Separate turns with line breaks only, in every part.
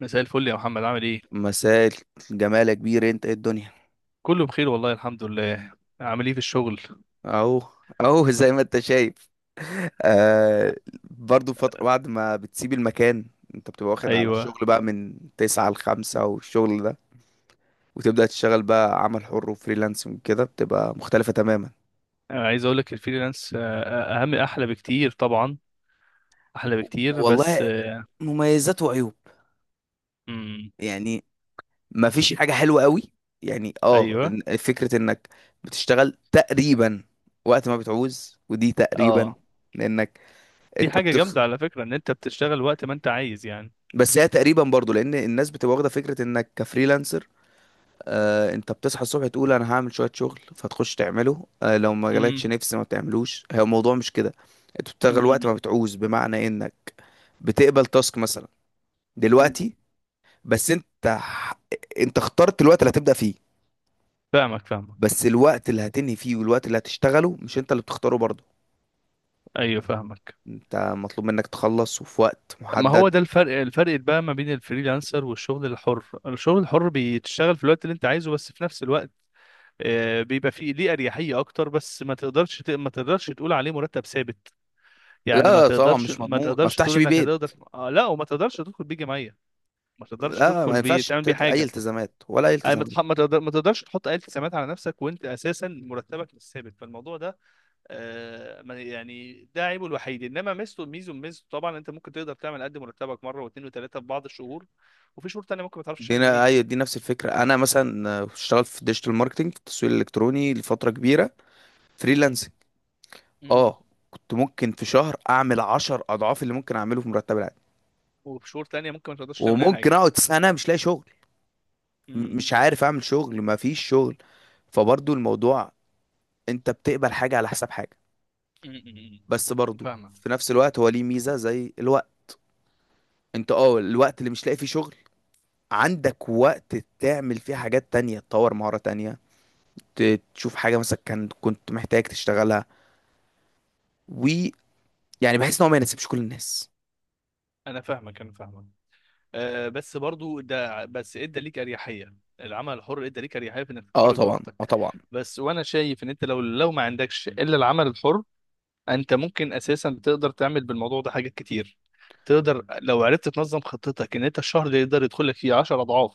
مساء الفل يا محمد، عامل ايه؟
مساء الجمال يا كبير، انت ايه الدنيا؟
كله بخير والله، الحمد لله. عامل ايه في الشغل؟
اهو، اهو زي ما انت شايف. آه، برضو فترة بعد ما بتسيب المكان، انت بتبقى واخد على
ايوه.
الشغل بقى من تسعة لخمسة والشغل ده، وتبدأ تشتغل بقى عمل حر وفريلانسنج كده بتبقى مختلفة تماما.
أنا عايز اقول لك، الفريلانس اهم، احلى بكتير طبعا، احلى
و-
بكتير، بس
والله مميزات وعيوب.
امم.
يعني ما فيش حاجة حلوة قوي. يعني
ايوه.
فكرة انك بتشتغل تقريبا وقت ما بتعوز، ودي تقريبا
اه،
لانك
دي
انت
حاجه جامده على فكره، ان انت بتشتغل وقت ما انت عايز يعني.
بس هي تقريبا برضو لان الناس بتبقى واخده فكره انك كفريلانسر. آه، انت بتصحى الصبح تقول انا هعمل شويه شغل فتخش تعمله، آه لو ما
امم.
جالكش نفس ما بتعملوش، هي الموضوع مش كده. انت
أمم،
بتشتغل وقت ما
أمم،
بتعوز بمعنى انك بتقبل تاسك مثلا
أمم.
دلوقتي، بس انت انت اخترت الوقت اللي هتبدا فيه،
فاهمك فاهمك.
بس الوقت اللي هتنهي فيه والوقت اللي هتشتغله مش انت اللي بتختاره برضو.
ايوه فاهمك.
انت مطلوب منك تخلص وفي وقت
ما
محدد.
هو ده الفرق، الفرق بقى ما بين الفريلانسر والشغل الحر. الشغل الحر بتشتغل في الوقت اللي انت عايزه، بس في نفس الوقت بيبقى فيه ليه اريحيه اكتر، بس ما تقدرش ما تقدرش تقول عليه مرتب ثابت. يعني
لا طبعا، مش
ما
مضمون، ما
تقدرش تقول
افتحش بيه
انك
بيت.
هتقدر لا، وما تقدرش تدخل بيه جمعيه، ما تقدرش
لا، ما
تدخل بيه
ينفعش
تعمل بيه
اي
حاجه.
التزامات، ولا اي
يعني
التزامات.
ما تقدرش تحط اي التزامات على نفسك، وانت اساسا مرتبك مش ثابت. فالموضوع ده يعني ده عيبه الوحيد، انما ميزته طبعا انت ممكن تقدر تعمل قد مرتبك مره واثنين وثلاثه في بعض الشهور، وفي شهور تانية ممكن ما تعرفش تعمل جنيه.
ايوه، دي نفس الفكره. انا مثلا اشتغلت في الديجيتال ماركتنج، في التسويق الالكتروني لفتره كبيره،
امم،
فريلانسنج.
امم.
اه، كنت ممكن في شهر اعمل 10 اضعاف اللي ممكن اعمله في مرتب العادي.
وفي شهور تانية ممكن ما تقدرش تعمل اي
وممكن
حاجه.
اقعد سنه مش لاقي شغل، مش عارف اعمل شغل، ما فيش شغل. فبرضو الموضوع، انت بتقبل حاجه على حساب حاجه.
م- م-
بس
م.
برضو
فاهمك،
في نفس الوقت هو ليه ميزه زي الوقت، انت اه الوقت اللي مش لاقي فيه شغل عندك وقت تعمل فيه حاجات تانية، تطور مهارة تانية، تشوف حاجة مثلا كان كنت محتاج تشتغلها. ويعني، بحس ان هو ما يناسبش كل الناس.
انا فاهمك. أه بس برضو ده، بس ادى ليك اريحيه. العمل الحر ادى ليك اريحيه في انك
اه
تتحرك
طبعا، اه
براحتك.
طبعا.
بس، وانا شايف ان انت لو ما عندكش الا العمل الحر، انت ممكن اساسا تقدر تعمل بالموضوع ده حاجات كتير. تقدر لو عرفت تنظم خطتك، ان انت الشهر اللي يقدر يدخل لك فيه 10 اضعاف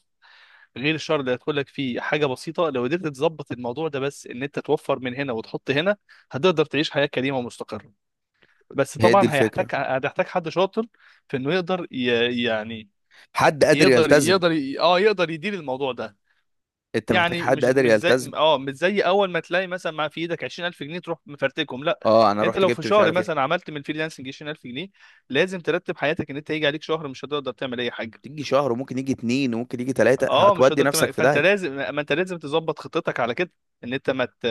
غير الشهر اللي هيدخل لك فيه حاجه بسيطه. لو قدرت تظبط الموضوع ده، بس ان انت توفر من هنا وتحط هنا، هتقدر تعيش حياه كريمه ومستقره. بس
هي دي
طبعا هيحتاج،
الفكره.
حد شاطر في انه يقدر يعني
حد قادر
يقدر
يلتزم،
يقدر ي- اه يقدر يدير الموضوع ده.
انت محتاج
يعني
حد
مش
قادر
مش زي
يلتزم.
اه مش زي اول ما تلاقي مثلا مع في ايدك 20000 جنيه تروح مفرتكهم، لا.
اه، انا
انت
رحت
لو في
جبت مش
شهر
عارف ايه.
مثلا عملت من الفريلانسنج 20000 جنيه، لازم ترتب حياتك، ان انت هيجي عليك شهر مش هتقدر تعمل اي حاجه.
تيجي شهر وممكن يجي اتنين وممكن يجي تلاته،
اه، مش
هتودي
هتقدر
نفسك
تعمل.
في
فانت
داهيه.
لازم، ما انت لازم تظبط خطتك على كده، ان انت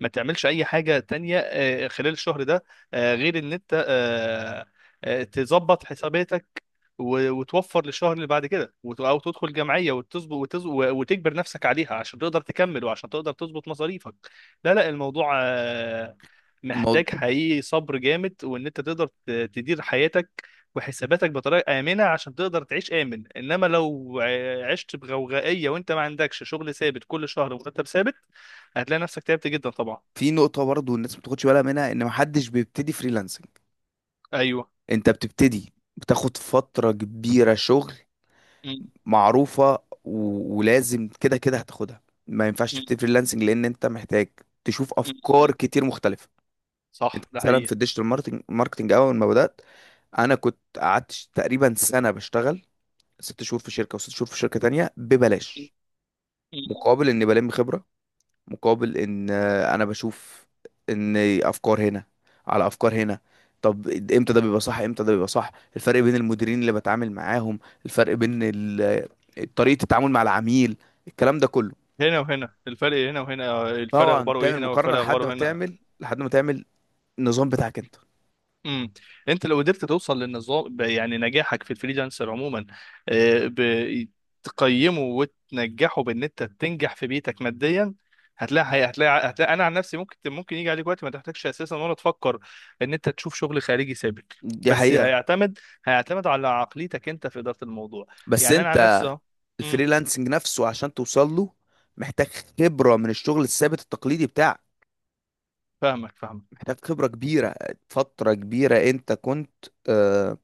ما تعملش اي حاجه تانية خلال الشهر ده، غير ان انت تظبط حساباتك، وتوفر للشهر اللي بعد كده، او تدخل جمعيه وتظبط وتجبر نفسك عليها، عشان تقدر تكمل، وعشان تقدر تظبط مصاريفك. لا لا، الموضوع
الموضوع،
محتاج حقيقي صبر جامد، وان انت تقدر تدير حياتك وحساباتك بطريقه امنه عشان تقدر تعيش امن. انما لو عشت بغوغائيه وانت ما عندكش شغل ثابت كل شهر ومرتب ثابت، هتلاقي نفسك تعبت جدا طبعا.
في نقطه برضه الناس ما بتاخدش بالها منها، ان محدش بيبتدي فريلانسنج.
ايوه.
انت بتبتدي بتاخد فتره كبيره شغل
م-
معروفه ولازم كده كده هتاخدها. ما ينفعش
م-
تبتدي فريلانسنج لان انت محتاج تشوف
م-
افكار
م.
كتير مختلفه. انت
صح، ده
مثلا في
حقيقي.
الديجيتال ماركتنج ماركتنج اول ما بدات، انا كنت قعدت تقريبا سنه بشتغل، 6 شهور في شركه وست شهور في شركه تانية ببلاش، مقابل اني بلم خبره، مقابل ان انا بشوف ان افكار هنا على افكار هنا. طب امتى ده بيبقى صح، امتى ده بيبقى صح؟ الفرق بين المديرين اللي بتعامل معاهم، الفرق بين طريقه التعامل مع العميل، الكلام ده كله.
هنا وهنا الفرق، هنا وهنا الفرق،
طبعا
اخباره ايه
تعمل
هنا،
مقارنه
والفرق
لحد ما
اخباره هنا.
تعمل لحد ما تعمل النظام بتاعك انت.
امم. انت لو قدرت توصل للنظام يعني، نجاحك في الفريلانسر عموما آه، ب- تقيمه وتنجحه بان انت تنجح في بيتك ماديا. هتلاقي هتلاقي، انا عن نفسي ممكن، ممكن يجي عليك وقت ما تحتاجش اساسا ولا تفكر ان انت تشوف شغل خارجي ثابت.
دي
بس
حقيقه.
هيعتمد، على عقليتك انت في اداره الموضوع.
بس
يعني انا عن
انت
نفسي اهو. امم.
الفريلانسنج نفسه عشان توصل له محتاج خبرة من الشغل الثابت التقليدي بتاعك،
فاهمك فاهمك.
محتاج خبرة كبيرة، فترة كبيرة انت كنت آه،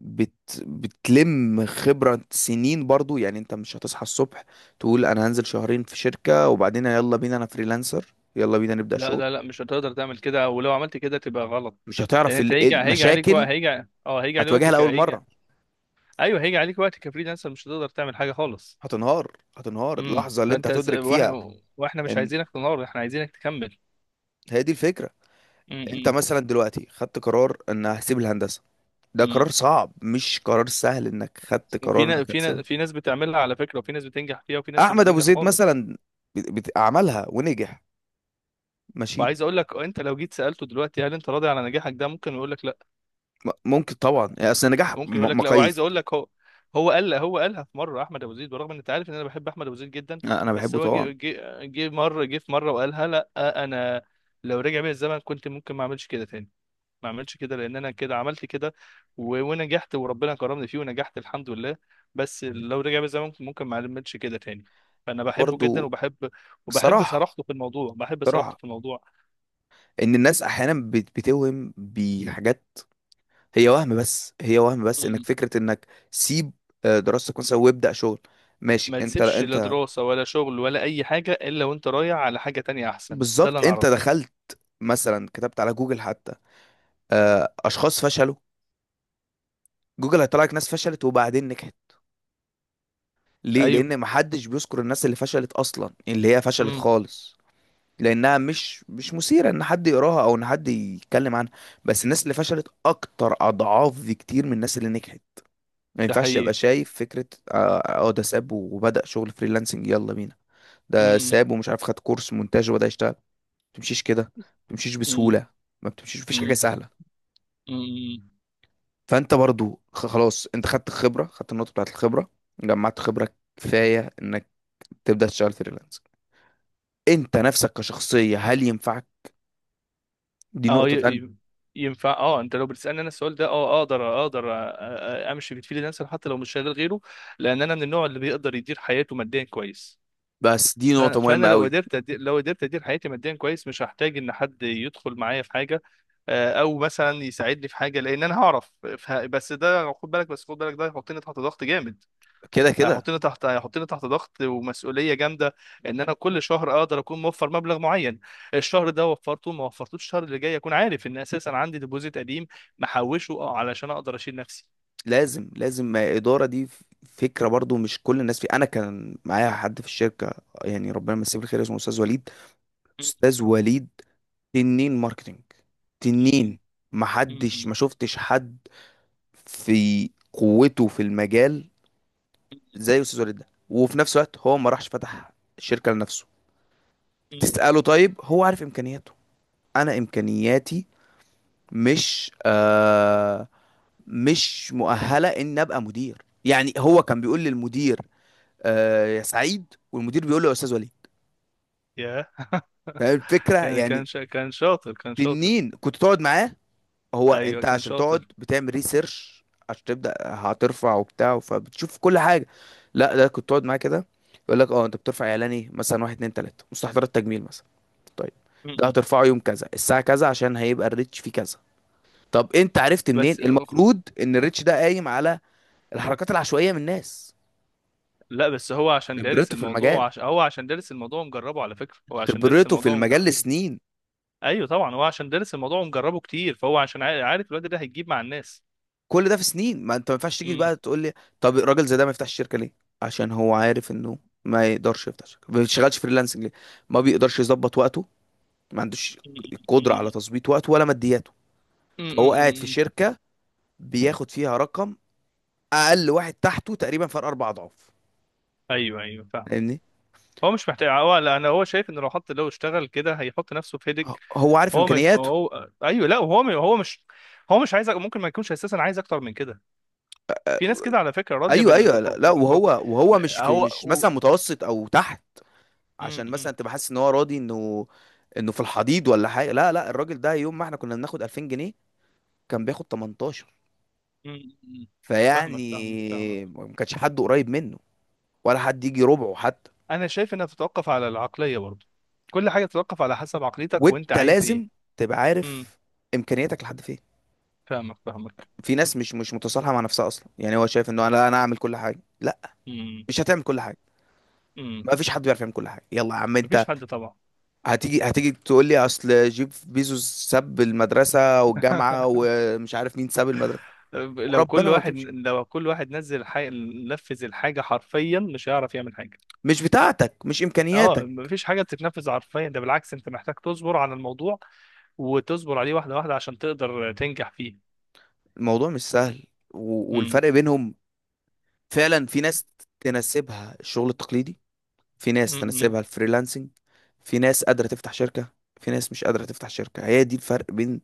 بت بتلم خبرة سنين برضو، يعني انت مش هتصحى الصبح تقول انا هنزل شهرين في شركة وبعدين يلا بينا انا فريلانسر، يلا بينا نبدأ
لا
شغل.
لا لا، مش هتقدر تعمل كده، ولو عملت كده تبقى غلط.
مش
لان
هتعرف
انت هيجي، عليك وقت
المشاكل،
هيجي. اه، هيجي عليك
هتواجهها
وقتك،
لأول
هيجي.
مرة.
ايوه، هيجي عليك وقت كفريلانسر مش هتقدر تعمل حاجه خالص.
هتنهار، هتنهار
امم.
اللحظة اللي انت
فانت
هتدرك فيها
واحنا مش
ان،
عايزينك تنهار، احنا عايزينك تكمل.
هي دي الفكرة.
امم،
انت
امم،
مثلا دلوقتي خدت قرار ان هسيب الهندسة، ده
امم.
قرار صعب مش قرار سهل انك خدت
وفي
قرار
ناس،
انك
في ناس
هتسيبها.
في ناس بتعملها على فكره، وفي ناس بتنجح فيها، وفي ناس مش
احمد ابو
بتنجح
زيد
خالص.
مثلا، عملها ونجح، ماشي.
وعايز اقول لك، انت لو جيت سالته دلوقتي هل انت راضي على نجاحك ده، ممكن يقول لك لا.
ممكن طبعا، يعني اصل النجاح
ممكن يقول لك لا، وعايز
مقاييس.
اقول لك هو قالها في مره، احمد ابو زيد، بالرغم ان انت عارف ان انا بحب احمد ابو زيد جدا.
أنا
بس
بحبه
هو
طبعا.
جه في مره وقالها لا. انا، لو رجع بيا الزمن، كنت ممكن ما اعملش كده تاني. ما اعملش كده، لان انا كده عملت كده ونجحت، وربنا كرمني فيه ونجحت الحمد لله. بس لو رجع بيا الزمن ممكن ما اعملش كده تاني. فانا بحبه جدا،
برضو،
وبحب
صراحة،
صراحته في الموضوع،
صراحة ان الناس احيانا بتوهم بحاجات، هي وهم بس، هي وهم بس، انك
مم.
فكرة انك سيب دراستك مثلا وابدأ شغل، ماشي
ما
انت
تسيبش لا
انت.
دراسة ولا شغل ولا أي حاجة، إلا وأنت رايح على حاجة تانية أحسن، ده اللي
بالظبط،
أنا
انت
أعرفه.
دخلت مثلا كتبت على جوجل حتى اشخاص فشلوا، جوجل هيطلع لك ناس فشلت وبعدين نجحت. ليه؟
ايوه.
لان محدش بيذكر الناس اللي فشلت اصلا، اللي هي فشلت
امم.
خالص، لانها مش، مش مثيره ان حد يقراها او ان حد يتكلم عنها. بس الناس اللي فشلت اكتر اضعاف بكتير من الناس اللي نجحت. ما
ده
ينفعش تبقى
حقيقي.
شايف فكره ده ساب وبدأ شغل فريلانسنج، يلا بينا. ده
امم،
ساب ومش عارف خد كورس مونتاج وبدأ يشتغل، ما بتمشيش كده، ما بتمشيش
امم،
بسهوله، ما بتمشيش، مفيش حاجه
امم،
سهله.
امم.
فانت برضو خلاص، انت خدت الخبره، خدت النقطه بتاعت الخبره، جمعت خبره كفايه انك تبدأ تشتغل فريلانس. انت نفسك كشخصية هل ينفعك؟ دي
اه،
نقطة تانية.
ينفع. اه، انت لو بتسالني انا السؤال ده، اه، اقدر، اقدر أ- امشي بتفيل نفسي حتى لو مش شغال غيره، لان انا من النوع اللي بيقدر يدير حياته ماديا كويس.
بس دي نقطة
فانا
مهمة قوي.
لو قدرت ادير حياتي ماديا كويس، مش هحتاج ان حد يدخل معايا في حاجه او مثلا يساعدني في حاجه، لان انا هعرف. بس ده خد بالك، ده هيحطني تحت ضغط جامد.
كده كده
هيحطني تحت ضغط ومسؤوليه جامده، ان انا كل شهر اقدر اكون موفر مبلغ معين. الشهر ده وفرته، ما وفرتوش الشهر اللي جاي، اكون عارف ان اساسا عندي ديبوزيت قديم محوشه، اه، علشان اقدر اشيل نفسي.
لازم، لازم ما إدارة دي فكرة برضو. مش كل الناس في، أنا كان معايا حد في الشركة، يعني ربنا يمسيه بالخير، اسمه أستاذ وليد. أستاذ وليد، تنين ماركتينج، تنين ما حدش، ما شفتش حد في قوته في المجال زي أستاذ وليد ده. وفي نفس الوقت هو ما راحش فتح شركة لنفسه. تسأله، طيب هو عارف إمكانياته. أنا إمكانياتي مش مش مؤهله ان ابقى مدير، يعني هو كان بيقول للمدير آه يا سعيد، والمدير بيقول له يا استاذ وليد.
يا
فاهم الفكره يعني؟
كان شاطر، كان شاطر.
تنين كنت تقعد معاه، هو
ايوه
انت
كان
عشان تقعد
شاطر.
بتعمل ريسيرش عشان تبدا هترفع وبتاع، فبتشوف كل حاجه. لا، ده كنت تقعد معاه كده يقول لك، اه، انت بترفع اعلاني مثلا واحد اتنين تلاته، مستحضرات تجميل مثلا، طيب، ده
م-م.
هترفعه يوم كذا الساعه كذا عشان هيبقى الريتش فيه كذا. طب انت عرفت منين
بس،
المفروض ان الريتش ده قايم على الحركات العشوائيه من الناس؟
لا، بس هو عشان دارس
خبرته في
الموضوع
المجال،
هو عشان دارس الموضوع، مجربه على فكره، هو عشان دارس
خبرته في
الموضوع.
المجال لسنين.
ايوه طبعا، هو عشان دارس الموضوع ومجربه كتير، فهو عشان عارف الواد ده هيجيب مع الناس.
كل ده في سنين. ما انت، ما ينفعش تيجي
امم،
بقى تقول لي طب الراجل زي ده ما يفتحش شركه ليه، عشان هو عارف انه ما يقدرش يفتح شركه. ما بيشتغلش فريلانسنج ليه؟ ما بيقدرش يظبط وقته، ما عندوش القدره على تظبيط وقته ولا مادياته. فهو قاعد في
امم.
شركه بياخد فيها رقم، اقل واحد تحته تقريبا فرق 4 اضعاف.
ايوه، ايوه، فاهم.
فاهمني؟
هو مش محتاج، هو، لا، انا هو شايف ان لو حط، لو اشتغل كده هيحط نفسه في هيدك.
هو عارف
هو ما
امكانياته.
هو، ايوه، لا، هو مش عايز، ممكن ما يكونش اساسا عايز اكتر من كده. في ناس كده على فكره، راضيه
ايوه، ايوه،
بالمط...
لا, لا. وهو،
بالمط...
وهو مش في،
هو
مش
و...
مثلا متوسط او تحت
م-
عشان
م-
مثلا تبقى حاسس ان هو راضي انه، انه في الحضيض ولا حاجه. لا لا، الراجل ده يوم ما احنا كنا بناخد 2000 جنيه كان بياخد 18.
م- م. فاهمك فاهمك فاهمك.
فيعني ما كانش حد قريب منه، ولا حد يجي ربعه حتى.
انا شايف انها تتوقف على العقليه برضه، كل حاجه تتوقف على حسب عقليتك وانت
وانت
عايز ايه.
لازم تبقى عارف امكانياتك لحد فين.
فاهمك فاهمك.
في ناس مش، مش متصالحه مع نفسها اصلا، يعني هو شايف انه
يعني.
انا اعمل كل حاجه. لا،
امم،
مش هتعمل كل حاجه،
امم.
ما فيش حد بيعرف يعمل كل حاجه يلا يا عم انت.
مفيش حد طبعا.
هتيجي هتيجي تقول لي اصل جيف بيزوس ساب المدرسه والجامعه، ومش عارف مين ساب المدرسه،
لو
وربنا
كل
ما
واحد،
بتمشي،
نزل نفذ الحاجه حرفيا، مش هيعرف يعمل حاجه.
مش بتاعتك، مش
اه،
امكانياتك.
مفيش حاجه بتتنفذ حرفيا، ده بالعكس انت محتاج تصبر على الموضوع، وتصبر عليه واحده واحده عشان تقدر تنجح فيه.
الموضوع مش سهل. و-
امم،
والفرق بينهم فعلا في ناس تناسبها الشغل التقليدي، في ناس
امم،
تناسبها الفريلانسنج، في ناس قادرة تفتح شركة، في ناس مش قادرة تفتح شركة. هي دي الفرق بين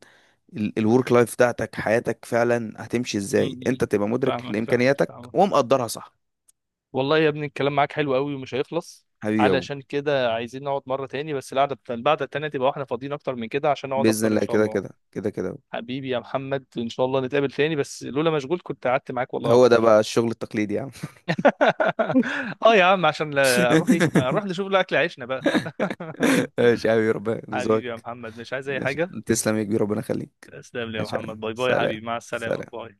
الورك لايف بتاعتك، حياتك فعلا هتمشي ازاي؟
امم.
انت تبقى مدرك
فاهمك فاهمك
لامكانياتك
فاهمك.
ومقدرها صح.
والله يا ابني، الكلام معاك حلو قوي ومش هيخلص،
حبيبي يا ابو،
علشان كده عايزين نقعد مره تاني، بس القعده، التانيه تبقى واحنا فاضيين اكتر من كده عشان نقعد
باذن
اكتر ان
الله،
شاء
كده
الله.
كده كده كده.
حبيبي يا محمد، ان شاء الله نتقابل تاني، بس لولا مشغول كنت قعدت معاك والله
هو ده
اكتر.
بقى الشغل التقليدي يا عم.
اه يا عم، عشان اروح، ايه، اروح نشوف له اكل عيشنا بقى.
ماشي يا حبيبي، ربنا
حبيبي يا
يرزقك.
محمد، مش عايز اي
ماشي،
حاجه.
تسلم يا كبير، ربنا يخليك.
تسلم لي يا
ماشي يا عم.
محمد، باي باي يا
سلام.
حبيبي، مع السلامه،
سلام.
باي.